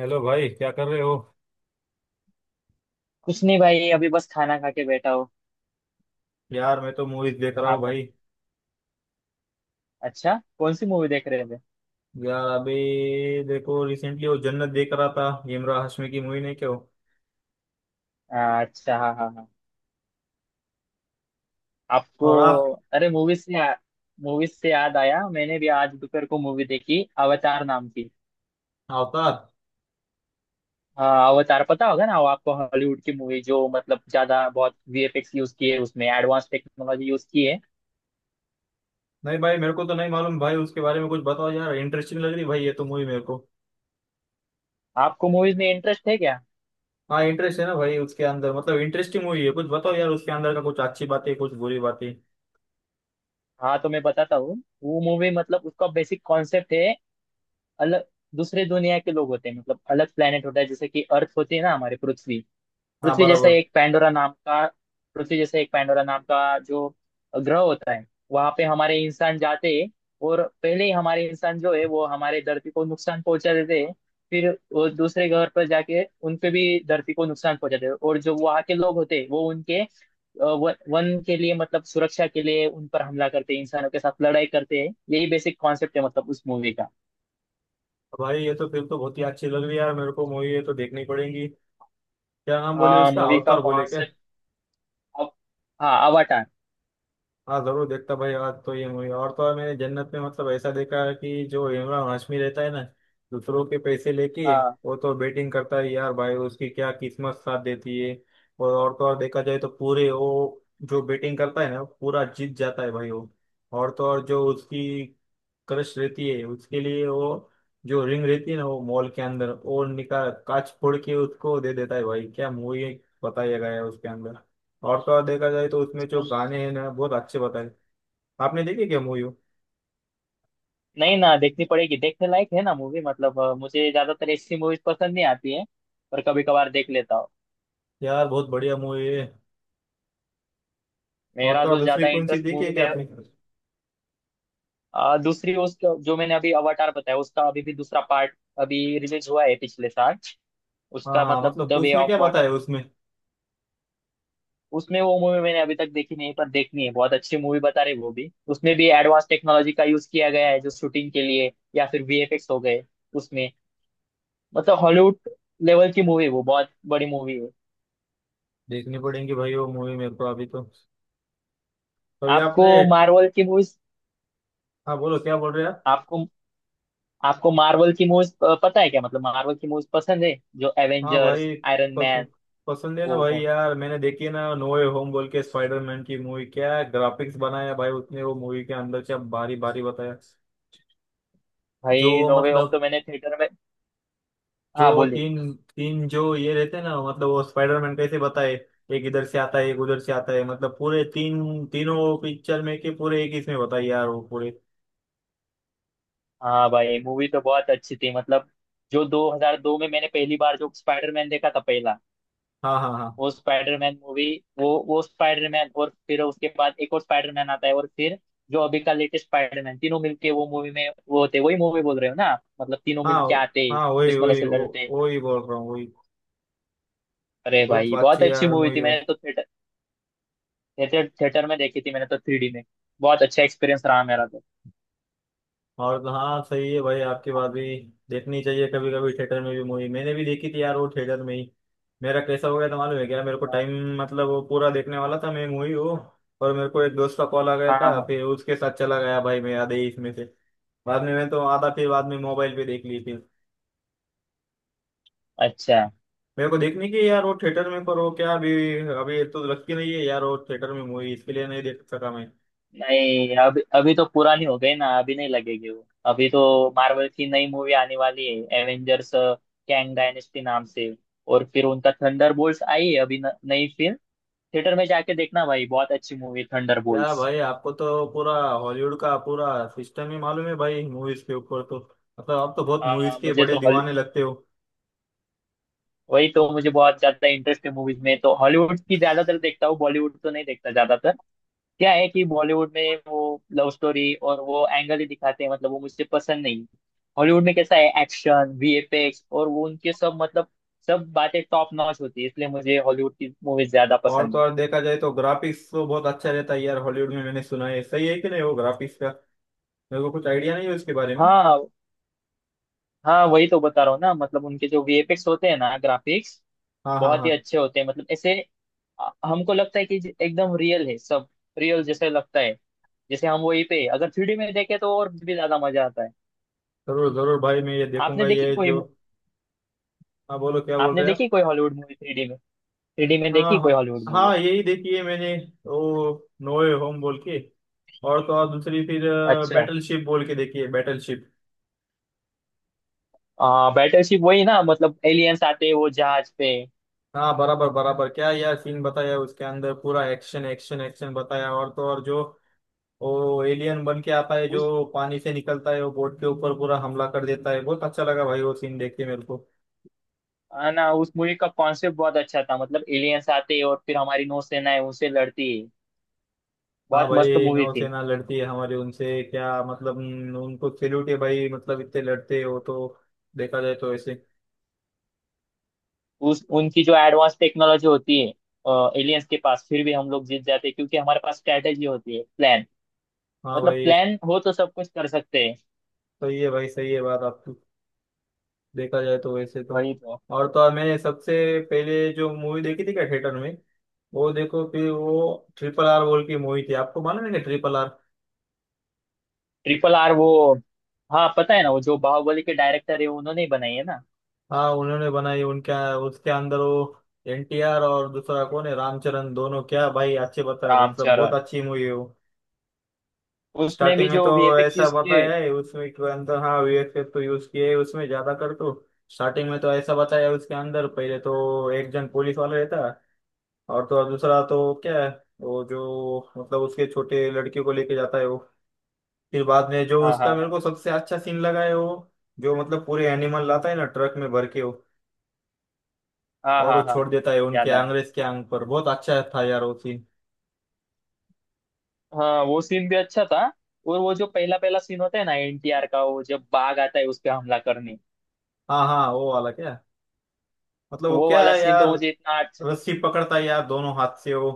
Hello भाई क्या कर रहे हो? कुछ नहीं भाई, अभी बस खाना खा के बैठा हूँ। यार मैं तो मूवीज देख रहा हूँ आप बत- भाई। अच्छा, कौन सी मूवी देख रहे थे? यार अभी देखो रिसेंटली वो जन्नत देख रहा था। इमरान हाशमी की मूवी, नहीं क्यों। अच्छा, हाँ हाँ हाँ। आपको और आप? अरे मूवी से याद आया, मैंने भी आज दोपहर को मूवी देखी, अवतार नाम की। अवतार। हाँ अवतार, पता होगा ना वो आपको, हॉलीवुड की मूवी, जो मतलब ज्यादा बहुत वीएफएक्स यूज किए उसमें, एडवांस टेक्नोलॉजी यूज की है। नहीं भाई मेरे को तो नहीं मालूम भाई, उसके बारे में कुछ बताओ यार। इंटरेस्टिंग लग रही भाई ये तो मूवी मेरे को। आपको मूवीज में इंटरेस्ट है क्या? हाँ इंटरेस्ट है ना भाई, उसके अंदर मतलब इंटरेस्टिंग मूवी है। कुछ बताओ यार उसके अंदर का, कुछ अच्छी बातें कुछ बुरी बातें। हाँ तो मैं बताता हूँ। वो मूवी मतलब उसका बेसिक कॉन्सेप्ट है अलग। दूसरे दुनिया के लोग होते हैं, मतलब अलग प्लेनेट होता है, जैसे कि अर्थ होती है ना हमारे पृथ्वी। हाँ पृथ्वी जैसा बराबर। एक पैंडोरा नाम का। पृथ्वी जैसा एक पैंडोरा नाम का जो ग्रह होता है। वहां पे हमारे इंसान जाते हैं। और पहले ही हमारे इंसान जो है वो हमारे धरती को नुकसान पहुंचा देते हैं। फिर वो दूसरे ग्रह पर जाके उनपे भी धरती को नुकसान पहुंचाते हैं, और जो वहाँ के लोग होते हैं वो उनके वन के लिए, मतलब सुरक्षा के लिए उन पर हमला करते हैं, इंसानों के साथ लड़ाई करते हैं। यही बेसिक कॉन्सेप्ट है मतलब उस मूवी का। भाई ये तो फिर तो बहुत ही अच्छी लग रही है यार मेरे को मूवी, ये तो देखनी पड़ेगी। क्या नाम बोले हाँ उसका? मूवी का अवतार बोले क्या? कॉन्सेप्ट। अब हाँ, अवाटार। हाँ जरूर देखता भाई आज तो ये मूवी। और तो और मैंने जन्नत में मतलब ऐसा देखा है कि जो इमरान हाशमी रहता है ना, दूसरों के पैसे लेके वो तो बेटिंग करता है यार भाई, उसकी क्या किस्मत साथ देती है। और तो और देखा जाए तो पूरे वो जो बेटिंग करता है ना पूरा जीत जाता है भाई वो। और तो और जो उसकी क्रश रहती है उसके लिए वो जो रिंग रहती है ना, वो मॉल के अंदर वो निकाल, कांच फोड़ के उसको दे देता है भाई। क्या मूवी बताया गया है उसके अंदर। और तो और देखा जाए तो उसमें जो हाँ गाने हैं ना, बहुत अच्छे बताए। आपने देखी क्या मूवी? नहीं ना, देखनी पड़ेगी, देखने लायक है ना मूवी। मतलब मुझे ज्यादातर ऐसी मूवीज पसंद नहीं आती है, पर कभी कभार देख लेता हूँ। यार बहुत बढ़िया मूवी है। और मेरा तो और जो दूसरी ज्यादा कौन सी इंटरेस्ट देखी है मूवी क्या में। आपने? दूसरी उसका जो मैंने अभी अवाटार बताया, उसका अभी भी दूसरा पार्ट अभी रिलीज हुआ है पिछले साल। हाँ उसका हाँ, मतलब मतलब द वे उसमें ऑफ क्या वाटर। बताया उसमें? उसमें वो मूवी मैंने अभी तक देखी नहीं, पर देखनी है, बहुत अच्छी मूवी बता रहे वो भी, उसमें भी एडवांस टेक्नोलॉजी का यूज किया गया है जो शूटिंग के लिए, या फिर वीएफएक्स हो गए उसमें। मतलब हॉलीवुड लेवल की मूवी, वो बहुत बड़ी मूवी है। देखनी पड़ेगी भाई वो मूवी मेरे को अभी तो। अभी आपको आपने? मार्वल की मूवीज। हाँ बोलो क्या बोल रहे हैं आप? आपको आपको मार्वल की मूवीज पता है क्या? मतलब मार्वल की मूवीज पसंद है? जो हाँ एवेंजर्स, भाई, आयरन पस, मैन। पसंद है ना वो भाई। कौन। यार मैंने देखी है ना नो वे होम बोल के स्पाइडरमैन की मूवी, क्या ग्राफिक्स बनाया भाई उसने, वो मूवी के अंदर से बारी बारी बताया। भाई जो नो वे होम तो मतलब मैंने थिएटर में। हाँ जो बोलिए। तीन तीन जो ये रहते हैं ना, मतलब वो स्पाइडरमैन कैसे बताए, एक इधर से आता है एक उधर से आता है, मतलब पूरे तीन तीनों पिक्चर में के पूरे एक इसमें बताई यार वो पूरे। हाँ भाई मूवी तो बहुत अच्छी थी, मतलब जो 2002 में मैंने पहली बार जो स्पाइडरमैन देखा था पहला, हाँ हाँ हाँ। वो स्पाइडरमैन मूवी। वो स्पाइडरमैन और फिर उसके बाद एक और स्पाइडरमैन आता है, और फिर जो अभी का लेटेस्ट स्पाइडरमैन, तीनों मिलके वो मूवी में वो होते, वही मूवी बोल रहे हो ना आप? मतलब तीनों हाँ मिलके आते, हाँ वही दुश्मनों वही से लड़ते। वही बोल रहा हूँ वही। अरे बहुत भाई बहुत अच्छी अच्छी यार मूवी थी, मूवी। मैंने तो थिएटर थिएटर में देखी थी मैंने तो, थ्री डी में। बहुत अच्छा एक्सपीरियंस रहा मेरा तो। और तो हाँ, सही है भाई आपकी बात भी। देखनी चाहिए कभी कभी थिएटर में भी मूवी, मैंने भी देखी थी यार वो थिएटर में ही। मेरा कैसा हो गया था मालूम है क्या मेरे को टाइम, मतलब वो पूरा देखने वाला था मैं मूवी वो, और मेरे को एक दोस्त का कॉल आ गया हाँ था हाँ। फिर उसके साथ चला गया भाई मैं आधे ही इसमें से। बाद में मैं तो आधा फिर बाद में मोबाइल पे देख ली फिर। अच्छा। मेरे को देखने की है यार वो थिएटर में, पर वो क्या अभी अभी तो लगती नहीं है यार वो थिएटर में मूवी, इसके लिए नहीं देख सका मैं। नहीं अभी, अभी तो पुरानी हो गई ना, अभी नहीं लगेगी वो अभी तो। मार्वल की नई मूवी आने वाली है, एवेंजर्स कैंग डायनेस्टी नाम से। और फिर उनका थंडरबोल्ट्स आई है अभी, न, नई फिल्म। थिएटर में जाके देखना भाई, बहुत अच्छी मूवी क्या थंडरबोल्ट्स। भाई, आपको तो पूरा हॉलीवुड का पूरा सिस्टम ही मालूम है भाई मूवीज के ऊपर तो। मतलब आप तो बहुत मूवीज के मुझे बड़े तो, दीवाने लगते हो। वही तो, मुझे बहुत ज्यादा इंटरेस्ट है मूवीज में, तो हॉलीवुड की ज्यादातर देखता हूँ, बॉलीवुड तो नहीं देखता ज्यादातर। क्या है कि बॉलीवुड में वो लव स्टोरी और वो एंगल ही दिखाते हैं, मतलब वो मुझे पसंद नहीं। हॉलीवुड में कैसा है, एक्शन, वीएफएक्स और वो उनके सब, मतलब सब बातें टॉप नॉच होती है, इसलिए मुझे हॉलीवुड की मूवीज ज्यादा और पसंद तो है। और देखा जाए तो ग्राफिक्स तो बहुत अच्छा रहता है यार हॉलीवुड में, मैंने सुना है, सही है कि नहीं वो ग्राफिक्स का? मेरे को कुछ आइडिया नहीं है उसके बारे में। हाँ, हाँ वही तो बता रहा हूँ ना, मतलब उनके जो वीएफएक्स होते हैं ना, ग्राफिक्स, हाँ हाँ बहुत ही हाँ। अच्छे होते हैं, मतलब ऐसे हमको लगता है कि एकदम रियल है सब, रियल जैसे लगता है। जैसे हम वहीं पे अगर थ्री डी में देखें तो और भी ज्यादा मजा आता है। जरूर जरूर भाई मैं ये आपने देखूंगा देखी ये कोई जो, मु- हाँ बोलो क्या बोल आपने रहे हैं आप? देखी कोई हॉलीवुड मूवी थ्री डी में? थ्री डी में हाँ देखी कोई हाँ हॉलीवुड मूवी? हाँ, यही देखी है मैंने, वो नोए होम बोल के। और तो और दूसरी फिर अच्छा। बैटलशिप बोल के देखी है, बैटलशिप। बैटरशिप वही ना, मतलब एलियंस आते हैं वो जहाज पे। हाँ बराबर बराबर, क्या यार सीन बताया उसके अंदर, पूरा एक्शन एक्शन एक्शन बताया। और तो और जो वो एलियन बन के आता है उस जो पानी से निकलता है, वो बोट के ऊपर पूरा हमला कर देता है। बहुत अच्छा लगा भाई वो सीन देख के मेरे को। है ना उस मूवी का कॉन्सेप्ट बहुत अच्छा था, मतलब एलियंस आते हैं और फिर हमारी नौसेना है उनसे लड़ती है। हाँ बहुत मस्त भाई मूवी थी। नौसेना लड़ती है हमारे उनसे क्या मतलब, उनको सैल्यूट है भाई, मतलब इतने लड़ते हो तो। देखा जाए तो ऐसे। उस उनकी जो एडवांस टेक्नोलॉजी होती है एलियंस के पास, फिर भी हम लोग जीत जाते हैं क्योंकि हमारे पास स्ट्रेटेजी होती है, प्लान। हाँ मतलब भाई प्लान हो तो सब कुछ कर सकते हैं। सही है, भाई सही है बात आपकी। देखा जाए तो वैसे तो। वही तो। और तो और मैंने सबसे पहले जो मूवी देखी थी क्या थिएटर में, वो देखो फिर वो ट्रिपल आर बोल की मूवी थी। आपको मालूम है क्या ट्रिपल आर? ट्रिपल आर, वो, हाँ पता है ना, वो जो बाहुबली के डायरेक्टर है उन्होंने ही बनाई है ना। हाँ उन्होंने बनाई उनका, उसके अंदर वो एनटीआर और दूसरा कौन है रामचरण, दोनों क्या भाई अच्छे बताया, मतलब बहुत रामचरण। अच्छी मूवी है वो। उसमें स्टार्टिंग भी में तो जो वीएफएक्स ऐसा यूज किए। बताया है उसमें के अंदर, हाँ वीएफएक्स तो यूज किए है उसमें ज्यादा कर तो। स्टार्टिंग में तो ऐसा बताया है उसके अंदर, पहले तो एक जन पुलिस वाला रहता और तो और दूसरा तो क्या है वो, जो मतलब उसके छोटे लड़के को लेके जाता है वो। फिर बाद में जो हाँ हाँ उसका मेरे हाँ। को सबसे अच्छा सीन लगा है वो, जो मतलब पूरे एनिमल लाता है ना ट्रक में भर के वो, हाँ और वो हाँ हाँ। छोड़ देता है उनके याद आया। अंग्रेज के आंग पर, बहुत अच्छा था यार वो सीन। हाँ वो सीन भी अच्छा था। और वो जो पहला पहला सीन होता है ना एनटीआर का, वो जब बाघ आता है उस पे हमला करने। हाँ हाँ वो वाला क्या, मतलब वो वो क्या वाला है सीन यार, तो मुझे इतना अच्छा, रस्सी पकड़ता है यार दोनों हाथ से वो।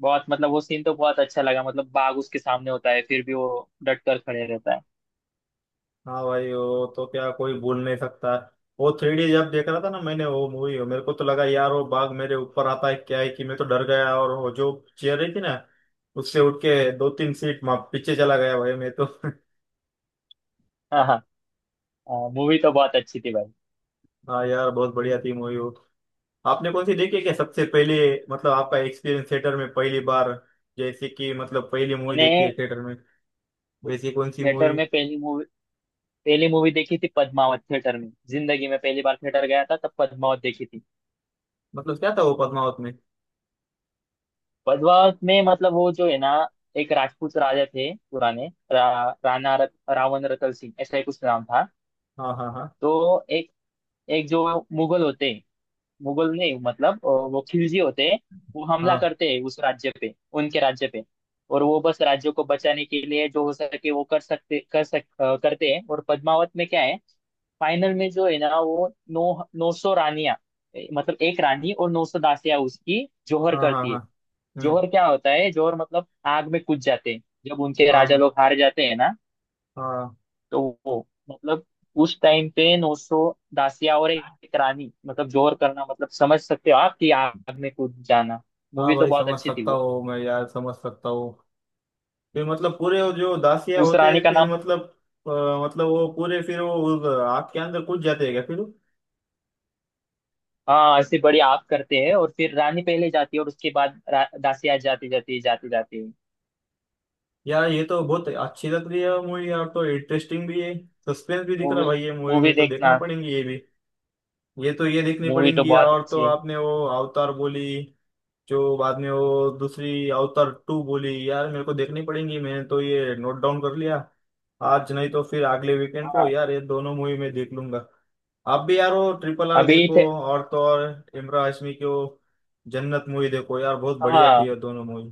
बहुत मतलब वो सीन तो बहुत अच्छा लगा, मतलब बाघ उसके सामने होता है फिर भी वो डट कर खड़े रहता है। हाँ भाई, वो तो क्या कोई भूल नहीं सकता। वो थ्री डी जब देख रहा था ना मैंने वो मूवी, मेरे को तो लगा यार वो बाघ मेरे ऊपर आता है, क्या है कि मैं तो डर गया, और वो जो चेयर रही थी ना, उससे उठ के दो तीन सीट माँ पीछे चला गया भाई मैं तो हाँ हाँ। मूवी तो बहुत अच्छी थी भाई। हाँ यार बहुत बढ़िया थी मूवी वो। आपने कौन सी देखी है क्या सबसे पहले, मतलब आपका एक्सपीरियंस थिएटर में पहली बार, जैसे कि मतलब पहली मूवी देखी है मैंने थिएटर में, वैसी कौन सी थिएटर मूवी? में पहली मूवी, पहली मूवी देखी थी पद्मावत, थिएटर में जिंदगी में पहली बार थिएटर गया था, तब पद्मावत देखी थी। मतलब क्या था वो पद्मावत में? पद्मावत में मतलब वो जो है ना, एक राजपूत राजा थे पुराने, रावण रतल सिंह ऐसा ही कुछ नाम था। हाँ हाँ हाँ। तो एक एक जो मुगल होते, मुगल नहीं मतलब वो खिलजी होते हैं, वो हमला हाँ करते हैं उस राज्य पे, उनके राज्य पे। और वो बस राज्य को बचाने के लिए जो हो सके वो कर सकते कर सक अ, करते हैं। और पद्मावत में क्या है, फाइनल में जो है ना, वो नौ 900 रानियां, मतलब एक रानी और 900 दासियां उसकी, जोहर हाँ हाँ। करती हाँ है। हम्म। जोहर क्या होता है, जोहर मतलब आग में कूद जाते हैं जब उनके हाँ राजा हाँ। लोग हार जाते हैं ना। हाँ तो वो मतलब उस टाइम पे नोसो दासिया और एक रानी, मतलब जोर करना मतलब समझ सकते हो आप, कि आग में कूद जाना। हाँ मूवी तो भाई बहुत समझ अच्छी थी सकता वो। हूँ मैं, यार समझ सकता हूँ। फिर मतलब पूरे वो जो दासिया उस होते रानी हैं का फिर नाम। मतलब, मतलब वो पूरे फिर वो उस आग के अंदर कूद जाते हैं क्या फिर? हाँ ऐसे बड़ी आग करते हैं, और फिर रानी पहले जाती है और उसके बाद दासिया जाती जाती जाती जाती है। यार ये तो बहुत अच्छी लग रही है मूवी यार, तो इंटरेस्टिंग भी है, सस्पेंस भी दिख रहा है मूवी, भाई ये मूवी मूवी में, तो देखना देखना। पड़ेंगी ये भी। ये तो ये देखनी मूवी तो पड़ेंगी। बहुत और तो अच्छी है। आपने वो अवतार बोली, जो बाद में वो दूसरी अवतार टू बोली, यार मेरे को देखनी पड़ेंगी, मैंने तो ये नोट डाउन कर लिया। आज नहीं तो फिर अगले वीकेंड को हाँ यार ये दोनों मूवी मैं देख लूंगा। आप भी यार वो ट्रिपल आर अभी देखो, थे। और तो और इमरान हाशमी की वो जन्नत मूवी देखो यार, बहुत बढ़िया थी हाँ ये दोनों मूवी।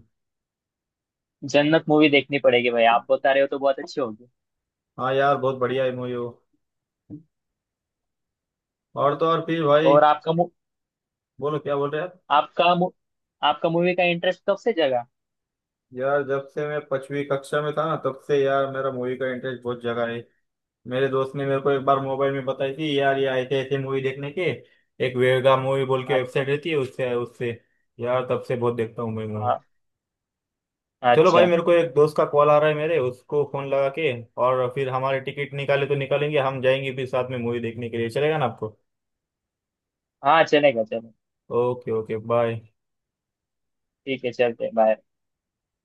जन्नत मूवी देखनी पड़ेगी भाई, आप बता रहे हो तो बहुत अच्छी होगी। हाँ यार बहुत बढ़िया मूवी हो। और तो और फिर भाई, और बोलो क्या बोल रहे हैं आप? आपका मु, आपका मूवी का इंटरेस्ट कब से जगा? यार जब से मैं पांचवी कक्षा में था ना, तब से यार मेरा मूवी का इंटरेस्ट बहुत जगा है। मेरे दोस्त ने मेरे को एक बार मोबाइल में बताई थी यार, ये ऐसे ऐसे मूवी देखने के, एक वेगा मूवी बोल के अच्छा। वेबसाइट रहती है उससे उससे यार तब से बहुत देखता हूँ मैं मूवी। हाँ चलो भाई अच्छा। मेरे को एक दोस्त का कॉल आ रहा है, मेरे उसको फोन लगा के, और फिर हमारे टिकट निकाले तो निकालेंगे, हम जाएंगे फिर साथ में मूवी देखने के लिए, चलेगा ना आपको? हाँ चलेगा चलेगा। Okay okay bye. ठीक है चलते हैं, बाय।